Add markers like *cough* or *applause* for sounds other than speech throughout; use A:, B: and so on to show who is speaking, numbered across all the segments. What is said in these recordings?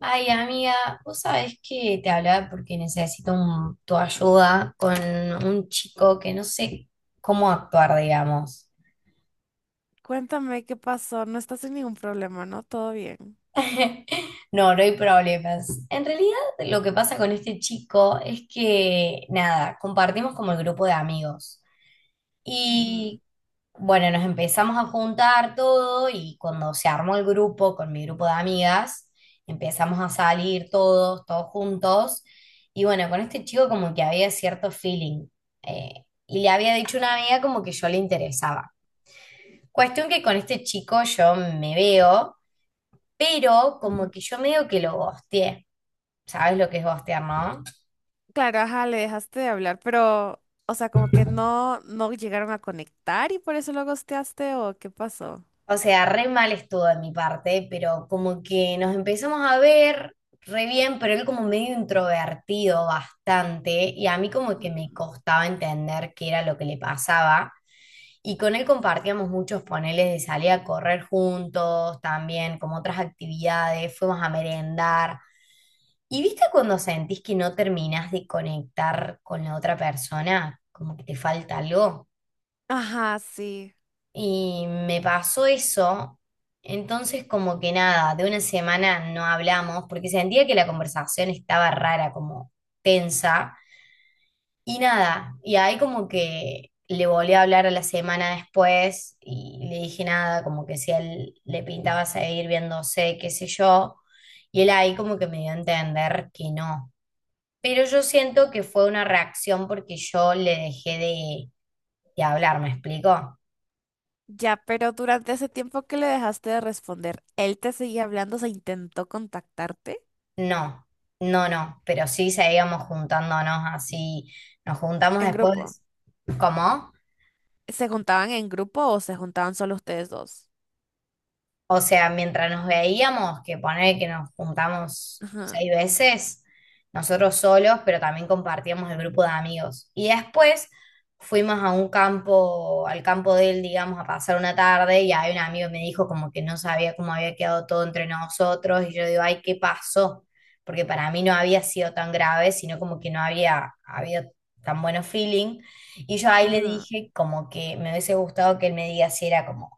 A: Ay, amiga, vos sabés que te hablaba porque necesito tu ayuda con un chico que no sé cómo actuar, digamos.
B: Cuéntame qué pasó. No estás en ningún problema, ¿no? Todo bien.
A: *laughs* No, no hay problemas. En realidad, lo que pasa con este chico es que, nada, compartimos como el grupo de amigos.
B: Ujú,
A: Y bueno, nos empezamos a juntar todo y cuando se armó el grupo con mi grupo de amigas, empezamos a salir todos, todos juntos. Y bueno, con este chico como que había cierto feeling. eh, y le había dicho a una amiga como que yo le interesaba. Cuestión que con este chico yo me veo, pero
B: ujú.
A: como que yo medio que lo gosteé. ¿Sabes lo que es gostear, no?
B: Claro, ajá, le dejaste de hablar, pero, o sea, como que no, no llegaron a conectar y por eso lo ghosteaste o qué pasó.
A: O sea, re mal estuvo de mi parte, pero como que nos empezamos a ver re bien, pero él como medio introvertido bastante, y a mí como que me
B: Mm.
A: costaba entender qué era lo que le pasaba. Y con él compartíamos muchos paneles de salir a correr juntos, también como otras actividades, fuimos a merendar. ¿Y viste cuando sentís que no terminás de conectar con la otra persona? Como que te falta algo.
B: Ajá, sí.
A: Y me pasó eso, entonces como que nada, de una semana no hablamos, porque sentía que la conversación estaba rara, como tensa, y nada, y ahí como que le volví a hablar a la semana después, y le dije nada, como que si a él le pintaba seguir viéndose, qué sé yo, y él ahí como que me dio a entender que no. Pero yo siento que fue una reacción porque yo le dejé de hablar, ¿me explico?
B: Ya, pero durante ese tiempo que le dejaste de responder, ¿él te seguía hablando? ¿Se intentó contactarte
A: No, no, no, pero sí seguíamos juntándonos así, nos juntamos
B: en grupo?
A: después, ¿cómo?
B: ¿Se juntaban en grupo o se juntaban solo ustedes dos?
A: O sea, mientras nos veíamos, que poner que nos juntamos
B: Ajá,
A: 6 veces, nosotros solos, pero también compartíamos el grupo de amigos. Y después fuimos a un campo, al campo de él, digamos, a pasar una tarde y ahí un amigo me dijo como que no sabía cómo había quedado todo entre nosotros y yo digo, ay, ¿qué pasó? Porque para mí no había sido tan grave, sino como que no había habido tan bueno feeling. Y yo ahí le
B: ajá.
A: dije como que me hubiese gustado que él me diga si era como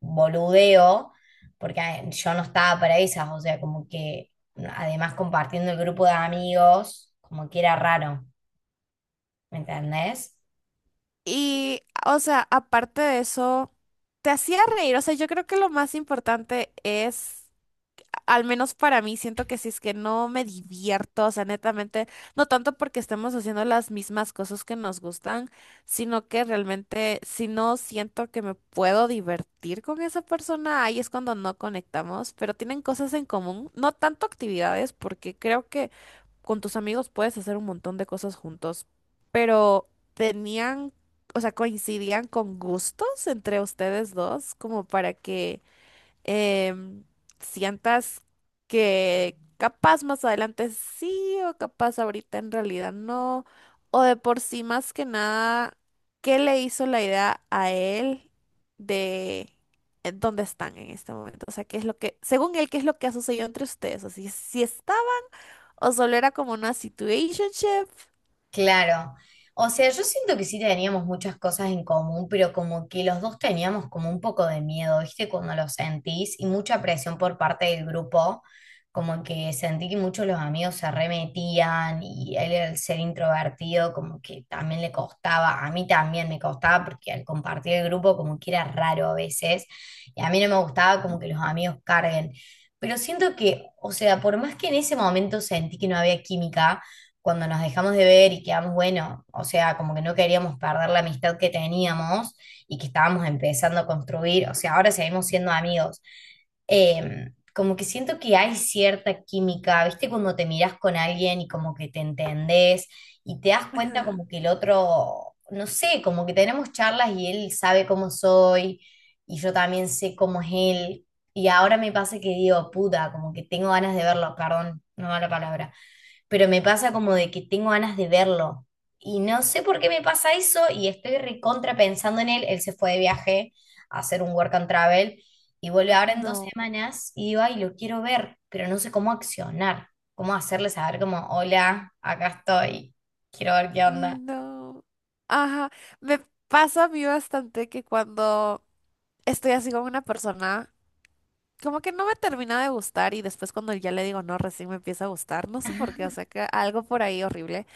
A: boludeo, porque yo no estaba para esas, o sea, como que además compartiendo el grupo de amigos, como que era raro, ¿me entendés?
B: Y, o sea, aparte de eso, te hacía reír. O sea, yo creo que lo más importante es, al menos para mí, siento que si es que no me divierto, o sea, netamente, no tanto porque estemos haciendo las mismas cosas que nos gustan, sino que realmente si no siento que me puedo divertir con esa persona, ahí es cuando no conectamos, pero tienen cosas en común, no tanto actividades, porque creo que con tus amigos puedes hacer un montón de cosas juntos, pero tenían, o sea, coincidían con gustos entre ustedes dos, como para que em, sientas que capaz más adelante sí o capaz ahorita en realidad no, o de por sí más que nada, ¿qué le hizo la idea a él de... en ¿Dónde están en este momento? O sea, ¿qué es lo que, según él, qué es lo que ha sucedido entre ustedes? Así, si está o solo era como una situationship.
A: Claro. O sea, yo siento que sí teníamos muchas cosas en común, pero como que los dos teníamos como un poco de miedo, ¿viste? Cuando lo sentís y mucha presión por parte del grupo, como que sentí que muchos de los amigos se remetían y él al ser introvertido como que también le costaba, a mí también me costaba porque al compartir el grupo como que era raro a veces y a mí no me gustaba como que los amigos carguen. Pero siento que, o sea, por más que en ese momento sentí que no había química, cuando nos dejamos de ver y quedamos, bueno, o sea, como que no queríamos perder la amistad que teníamos y que estábamos empezando a construir, o sea, ahora seguimos siendo amigos. Como que siento que hay cierta química, ¿viste? Cuando te miras con alguien y como que te entendés y te das cuenta
B: Ajá.
A: como que el otro, no sé, como que tenemos charlas y él sabe cómo soy y yo también sé cómo es él. Y ahora me pasa que digo, puta, como que tengo ganas de verlo, perdón, no va la palabra pero me pasa como de que tengo ganas de verlo. Y no sé por qué me pasa eso y estoy recontra pensando en él. Él se fue de viaje a hacer un work and travel y vuelve ahora en dos
B: No,
A: semanas y digo, ay, lo quiero ver, pero no sé cómo accionar, cómo hacerle saber como, hola, acá estoy, quiero ver qué onda.
B: no. Ajá. Me pasa a mí bastante que cuando estoy así con una persona, como que no me termina de gustar y después cuando ya le digo no, recién me empieza a gustar. No sé por qué, o sea que algo por ahí horrible.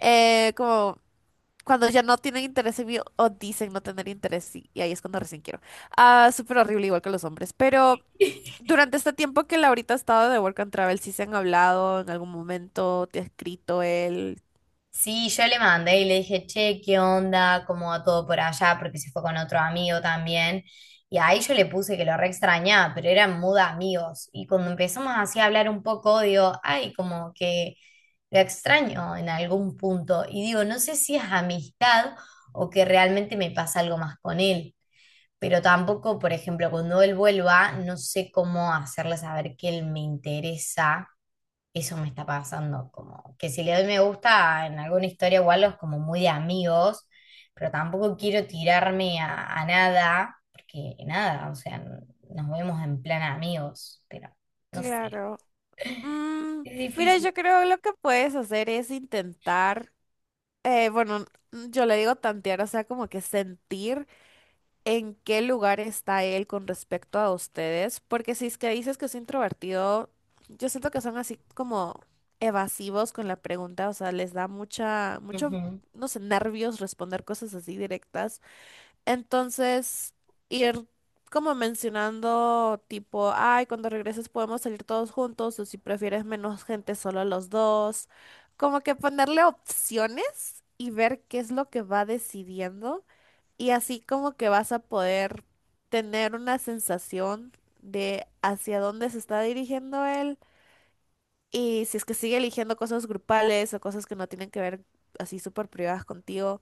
B: Como cuando ya no tienen interés en mí o dicen no tener interés y ahí es cuando recién quiero. Ah, súper horrible igual que los hombres. Pero durante este tiempo que Laurita ha estado de Work and Travel, ¿sí se han hablado en algún momento? ¿Te ha escrito él?
A: Sí, yo le mandé y le dije, che, ¿qué onda? ¿Cómo va todo por allá? Porque se fue con otro amigo también. Y ahí yo le puse que lo re extrañaba, pero eran mood amigos. Y cuando empezamos así a hablar un poco, digo, ay, como que lo extraño en algún punto. Y digo, no sé si es amistad o que realmente me pasa algo más con él. Pero tampoco, por ejemplo, cuando él vuelva, no sé cómo hacerle saber que él me interesa eso me está pasando, como que si le doy me gusta en alguna historia igual es como muy de amigos, pero tampoco quiero tirarme a nada, porque nada, o sea, nos vemos en plan amigos, pero no sé,
B: Claro. Mm,
A: es
B: mira,
A: difícil.
B: yo creo lo que puedes hacer es intentar, bueno, mm, yo le digo tantear, o sea, como que sentir en qué lugar está él con respecto a ustedes, porque si es que dices que es introvertido, yo siento que son así como evasivos con la pregunta, o sea, les da mucha, mucho,
A: Ujú.
B: no sé, nervios responder cosas así directas. Entonces, ir como mencionando tipo, ay, cuando regreses podemos salir todos juntos o si prefieres menos gente, solo los dos. Como que ponerle opciones y ver qué es lo que va decidiendo y así como que vas a poder tener una sensación de hacia dónde se está dirigiendo él y si es que sigue eligiendo cosas grupales o cosas que no tienen que ver así súper privadas contigo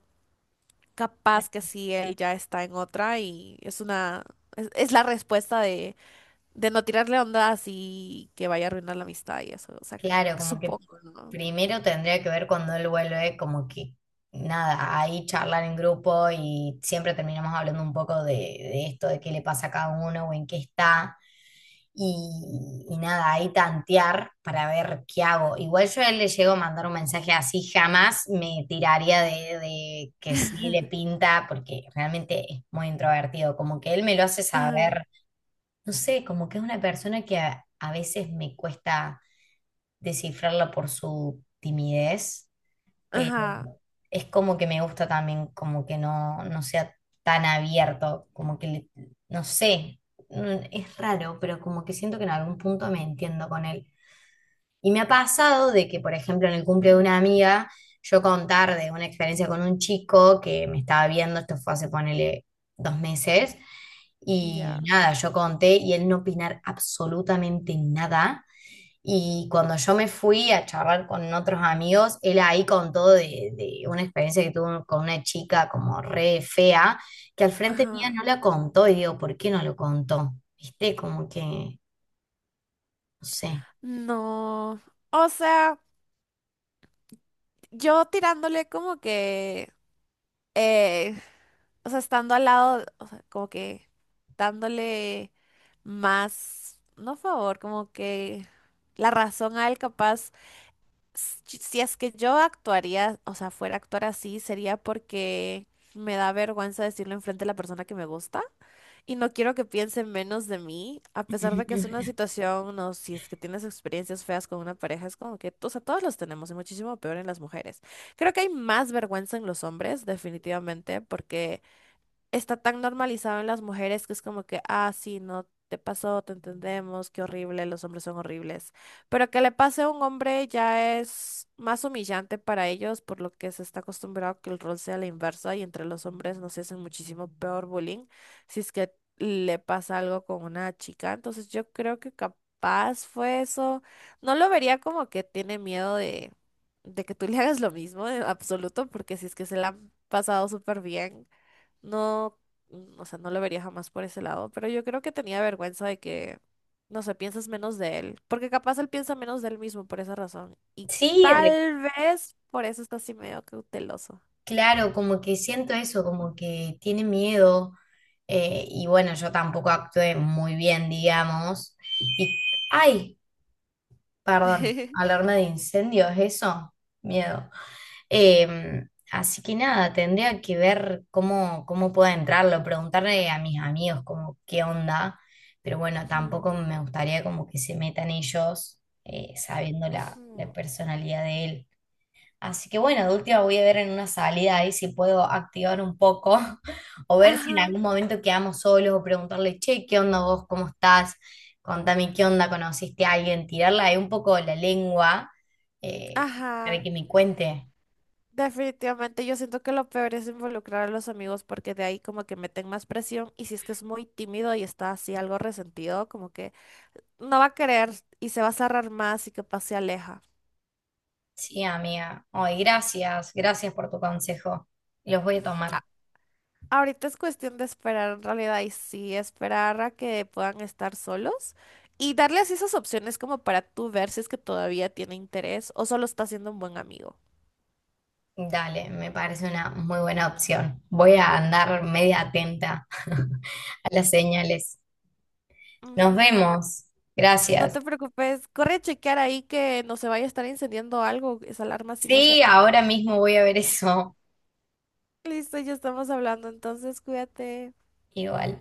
B: capaz que sí, él ya está en otra y es una, es la respuesta de no tirarle onda así que vaya a arruinar la amistad y eso, o sea,
A: Claro, como que
B: supongo, ¿no?
A: primero tendría que ver cuando él vuelve, como que nada, ahí charlar en grupo y siempre terminamos hablando un poco de esto, de qué le pasa a cada uno o en qué está. Y nada, ahí tantear para ver qué hago. Igual yo a él le llego a mandar un mensaje así, jamás me tiraría de que sí
B: *laughs*
A: le pinta, porque realmente es muy introvertido, como que él me lo hace
B: Ajá,
A: saber, no sé, como que es una persona que a veces me cuesta descifrarla por su timidez, pero
B: ajá,
A: es como que me gusta también como que no, no sea tan abierto, como que, no sé, es raro, pero como que siento que en algún punto me entiendo con él. Y me ha pasado de que, por ejemplo, en el cumple de
B: ujú,
A: una amiga, yo contar de una experiencia con un chico que me estaba viendo, esto fue hace, ponele, 2 meses,
B: ya,
A: y nada, yo conté y él no opinar absolutamente nada. Y cuando yo me fui a charlar con otros amigos, él ahí contó de una experiencia que tuvo con una chica como re fea, que al frente mía no
B: ajá,
A: la contó. Y digo, ¿por qué no lo contó? ¿Viste? Como que, no sé.
B: no, o sea, yo tirándole como que, eh, o sea, estando al lado, o sea, como que dándole más, no favor, como que la razón a él capaz. Si es que yo actuaría, o sea, fuera a actuar así, sería porque me da vergüenza decirlo enfrente de la persona que me gusta y no quiero que piense menos de mí, a pesar de que es una situación, no, si es que tienes experiencias feas con una pareja, es como que, o sea, todos los tenemos y muchísimo peor en las mujeres. Creo que hay más vergüenza en los hombres, definitivamente, porque está tan normalizado en las mujeres que es como que, ah, sí, no te pasó, te entendemos, qué horrible, los hombres son horribles. Pero que le pase a un hombre ya es más humillante para ellos, por lo que se está acostumbrado que el rol sea la inversa y entre los hombres nos hacen muchísimo peor bullying si es que le pasa algo con una chica. Entonces yo creo que capaz fue eso. No lo vería como que tiene miedo de que tú le hagas lo mismo, en absoluto, porque si es que se la han pasado súper bien. No, mm, o sea, no lo vería jamás por ese lado, pero yo creo que tenía vergüenza de que, no sé, piensas menos de él, porque capaz él piensa menos de él mismo por esa razón, y
A: Sí,
B: tal vez por eso está así medio cauteloso.
A: claro, como que siento eso, como que tiene miedo y bueno, yo tampoco actué muy bien, digamos. Y, ay, perdón,
B: *laughs*
A: alarma de incendios, eso, miedo. Eh, Así que nada, tendría que ver cómo, cómo puedo entrarlo, preguntarle a mis amigos como qué onda, pero bueno,
B: Ujú,
A: tampoco me gustaría como que se metan ellos sabiendo la
B: ujú.
A: personalidad de él. Así que bueno, de última voy a ver en una salida ahí si puedo activar un poco *laughs* o ver si en
B: Ajá,
A: algún momento quedamos solos o preguntarle, che, ¿qué onda vos? ¿Cómo estás? Contame qué onda, ¿conociste a alguien? Tirarla ahí un poco la lengua eh, para
B: ajá.
A: que me cuente.
B: Definitivamente yo siento que lo peor es involucrar a los amigos porque de ahí como que meten más presión y si es que es muy tímido y está así algo resentido, como que no va a querer y se va a cerrar más y capaz se aleja.
A: Sí, amiga. Ay, gracias, gracias por tu consejo. Los voy a tomar.
B: Ahorita es cuestión de esperar en realidad y sí, esperar a que puedan estar solos y darles esas opciones como para tú ver si es que todavía tiene interés o solo está siendo un buen amigo.
A: Dale, me parece una muy buena opción. Voy a andar media atenta *laughs* a las señales. Nos
B: Ujú, bueno,
A: vemos.
B: no
A: Gracias.
B: te preocupes, corre a chequear ahí que no se vaya a estar incendiando algo, esa alarma sí me
A: Sí,
B: asustó.
A: ahora mismo voy a ver eso.
B: Listo, ya estamos hablando, entonces cuídate.
A: Igual.